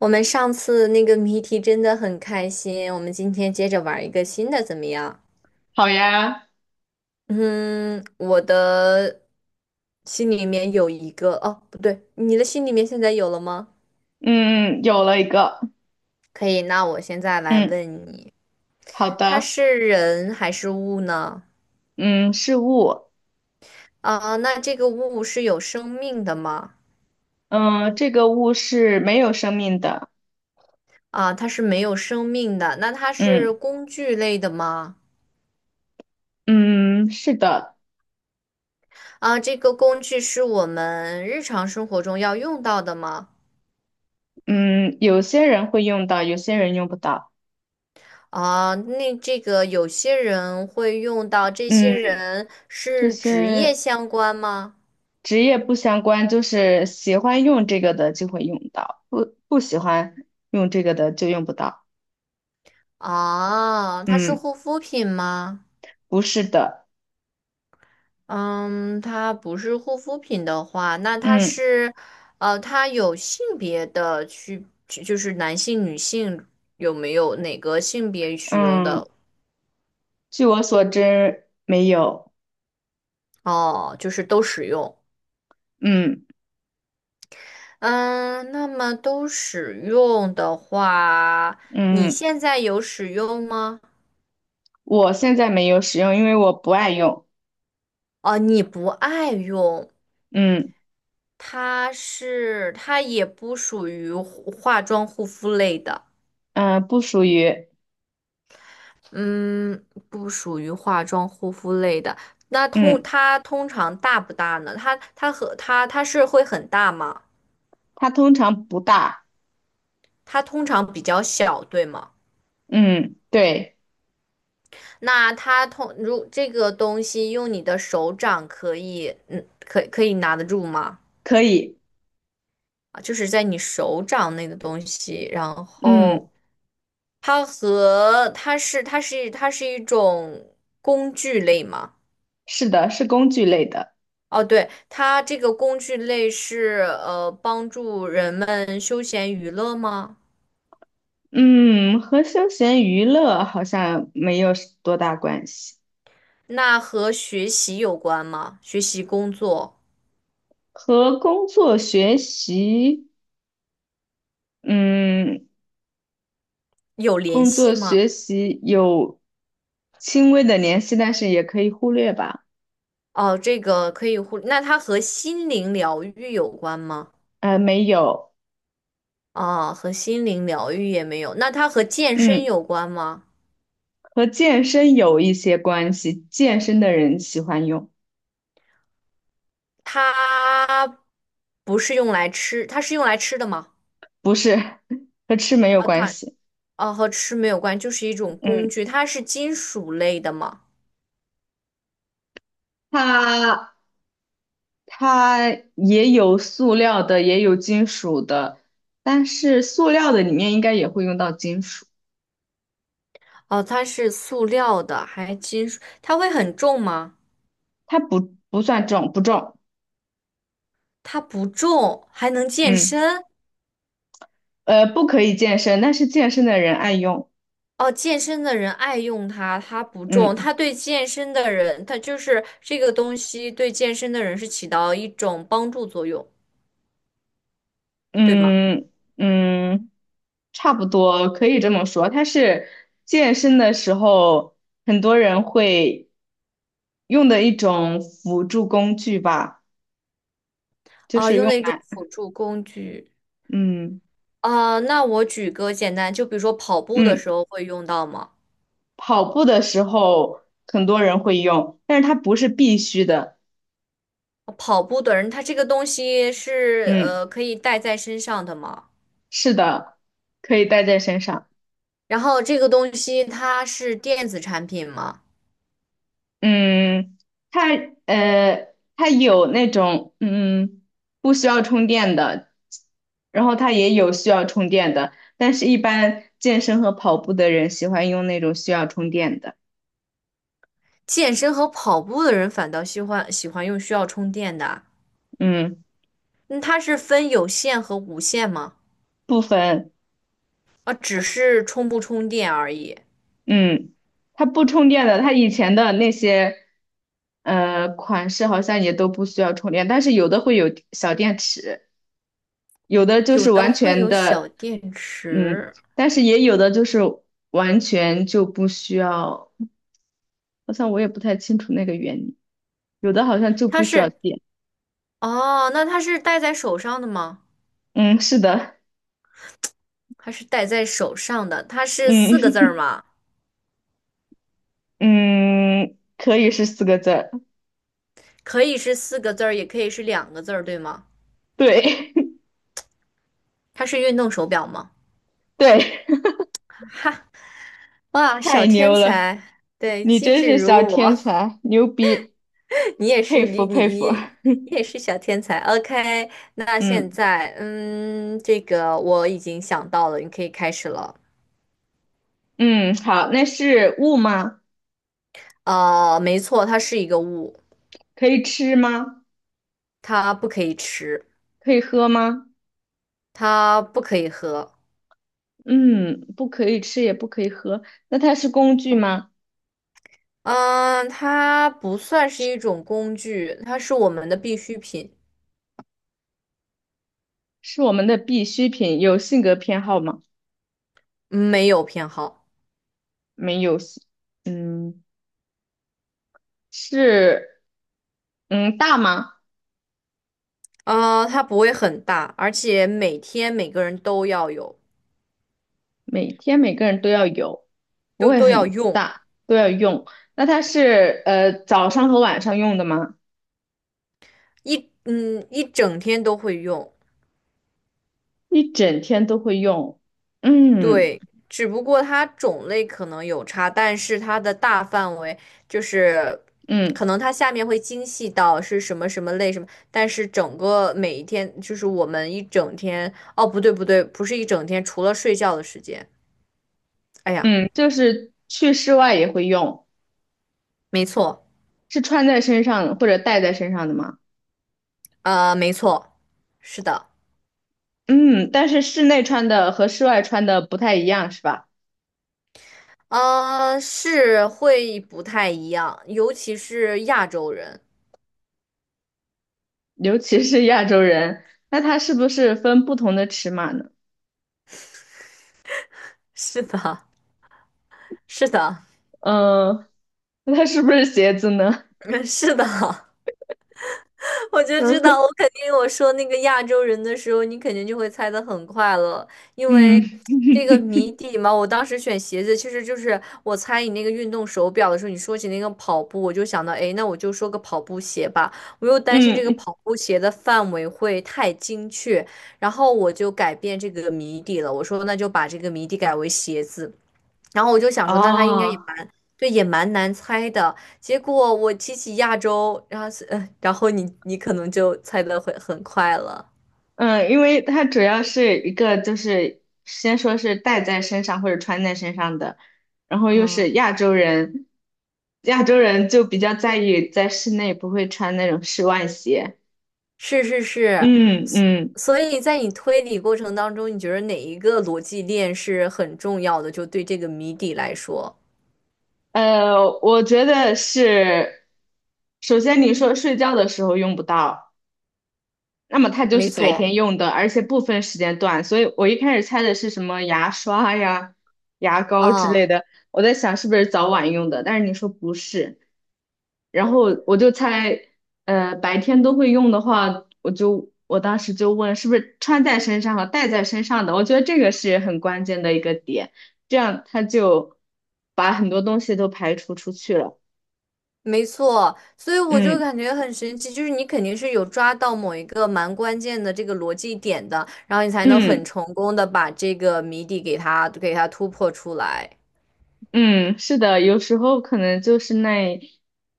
我们上次那个谜题真的很开心，我们今天接着玩一个新的怎么样？好呀，嗯，我的心里面有一个，哦，不对，你的心里面现在有了吗？嗯，有了一个，可以，那我现在来嗯问你，好它的，是人还是物呢？嗯，是物，啊，那这个物是有生命的吗？嗯，这个物是没有生命的，啊，它是没有生命的，那它嗯是工具类的吗？嗯，是的，啊，这个工具是我们日常生活中要用到的吗？嗯，有些人会用到，有些人用不到，啊，那这个有些人会用到，这些嗯，人这是职业些相关吗？职业不相关，就是喜欢用这个的就会用到，不喜欢用这个的就用不到，啊，它是嗯，护肤品吗？不是的，嗯，它不是护肤品的话，那它嗯是，它有性别的区，就是男性、女性有没有哪个性别使用嗯，的？据我所知没有，哦，就是都使用。嗯嗯，那么都使用的话，你嗯。现在有使用吗？我现在没有使用，因为我不爱用。哦，你不爱用，嗯它是它也不属于护化妆护肤类的，嗯、呃不属于。嗯，不属于化妆护肤类的。那通嗯，它通常大不大呢？它它和它它是会很大吗？它通常不大。它通常比较小，对吗？嗯，对，那它通如这个东西用你的手掌可以，嗯，可以拿得住吗？可以。啊，就是在你手掌内的东西，然嗯，后。它和它是它是它是一种工具类吗？是的，是工具类的。哦，对，它这个工具类是帮助人们休闲娱乐吗？嗯，和休闲娱乐好像没有多大关系，那和学习有关吗？学习工作和工作学习，嗯，有联工系作吗？学习有轻微的联系，但是也可以忽略吧。哦，这个可以互，那它和心灵疗愈有关吗？没有。啊、和心灵疗愈也没有。那它和健身嗯。有关吗？和健身有一些关系，健身的人喜欢用，它不是用来吃，它是用来吃的吗？不是 和吃没有啊，关它。系。哦，和吃没有关，就是一种工嗯，具，它是金属类的吗？它它也有塑料的，也有金属的，但是塑料的里面应该也会用到金属，哦，它是塑料的，还金属，它会很重吗？它不算重，不重。它不重，还能健嗯，身。不可以健身，但是健身的人爱用。哦，健身的人爱用它，它不嗯重，它对健身的人，它就是这个东西对健身的人是起到一种帮助作用，对吗？嗯嗯。差不多可以这么说。它是健身的时候，很多人会用的一种辅助工具吧，就啊，是用用的一种来，辅助工具。嗯啊，那我举个简单，就比如说跑步的嗯，时候会用到吗？跑步的时候很多人会用，但是它不是必须的。跑步的人，他这个东西是嗯，可以带在身上的吗？是的，可以带在身上。然后这个东西它是电子产品吗？嗯，它它有那种不需要充电的，然后它也有需要充电的，但是一般健身和跑步的人喜欢用那种需要充电的。健身和跑步的人反倒喜欢用需要充电的，嗯，那它是分有线和无线吗？部分，啊，只是充不充电而已，嗯，它不充电的，它以前的那些款式好像也都不需要充电，但是有的会有小电池。有的就有是的完会全有小的，电嗯，池，但是也有的就是完全就不需要，好像我也不太清楚那个原理，有的好像就它不需要是电，哦，那它是戴在手上的吗？嗯，是的，它是戴在手上的，它是四个字嗯 儿吗？嗯，可以是四个字儿可以是四个字儿，也可以是两个字儿，对吗？对 它是运动手表吗？对，哇，小太天牛了，才，对，你机真智是小如天我，才，牛逼，你也是，佩服佩服，你也是小天才。OK，那现嗯在，嗯，这个我已经想到了，你可以开始了。嗯，好，那是物吗？呃，没错，它是一个物，可以吃吗？它不可以吃，可以喝吗？它不可以喝。嗯，不可以吃，也不可以喝。那它是工具吗？嗯，它不算是一种工具，它是我们的必需品，是我们的必需品，有性格偏好吗？没有偏好。没有性嗯，是，嗯，大吗？呃，它不会很大，而且每天每个人都要有。每天每个人都要有，不都会都要很用，大，都要用。那它是早上和晚上用的吗？一整天都会用。一整天都会用。嗯对，只不过它种类可能有差，但是它的大范围就是，嗯可能它下面会精细到是什么什么类什么，但是整个每一天就是我们一整天，不是一整天，除了睡觉的时间。哎呀，嗯，就是去室外也会用，没错，是穿在身上或者戴在身上的吗？呃，没错，是的，嗯，但是室内穿的和室外穿的不太一样，是吧？是会不太一样，尤其是亚洲人。尤其是亚洲人，那它是不是分不同的尺码呢？是的，是的。嗯，那它是不是鞋子呢？嗯，是的，我就知道，我肯定我说那个亚洲人的时候，你肯定就会猜得很快了，因为嗯这个谜底嘛。我当时选鞋子，其实就是我猜你那个运动手表的时候，你说起那个跑步，我就想到，哎，那我就说个跑步鞋吧。我又担心嗯，这个嗯，跑步鞋的范围会太精确，然后我就改变这个谜底了。我说那就把这个谜底改为鞋子。然后我就想说，那他应该哦，也蛮，对，也蛮难猜的。结果我提起亚洲，然后是，然后你可能就猜的会很快了。嗯，因为它主要是一个就是先说是戴在身上或者穿在身上的，然后又是嗯，亚洲人，亚洲人就比较在意在室内不会穿那种室外鞋。是是是，嗯所嗯。所以在你推理过程当中，你觉得哪一个逻辑链是很重要的？就对这个谜底来说，我觉得是，首先你说睡觉的时候用不到，那么它就没是白错。天用的，而且不分时间段，所以我一开始猜的是什么牙刷呀、牙膏之类嗯，的，我在想是不是早晚用的，但是你说不是，然后我就猜，白天都会用的话，我当时就问是不是穿在身上和戴在身上的，我觉得这个是很关键的一个点，这样它就把很多东西都排除出去了，没错，所以我就嗯。感觉很神奇，就是你肯定是有抓到某一个蛮关键的这个逻辑点的，然后你才能很嗯成功的把这个谜底给它突破出来。嗯，是的，有时候可能就是那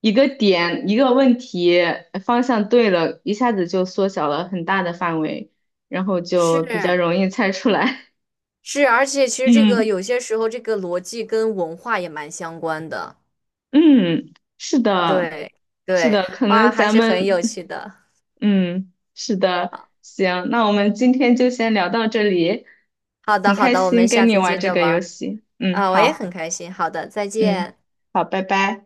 一个点，一个问题方向对了，一下子就缩小了很大的范围，然后是就比较容易猜出来。是，而且其 实这个嗯有些时候这个逻辑跟文化也蛮相关的。嗯，是的，对是对，的，可哇，能还咱是很有们趣的。嗯是的，行，那我们今天就先聊到这里，好很的好开的，我们心下跟你次玩接这着个玩游儿戏。嗯，啊，我也好，很开心。好的，再嗯，见。好，拜拜。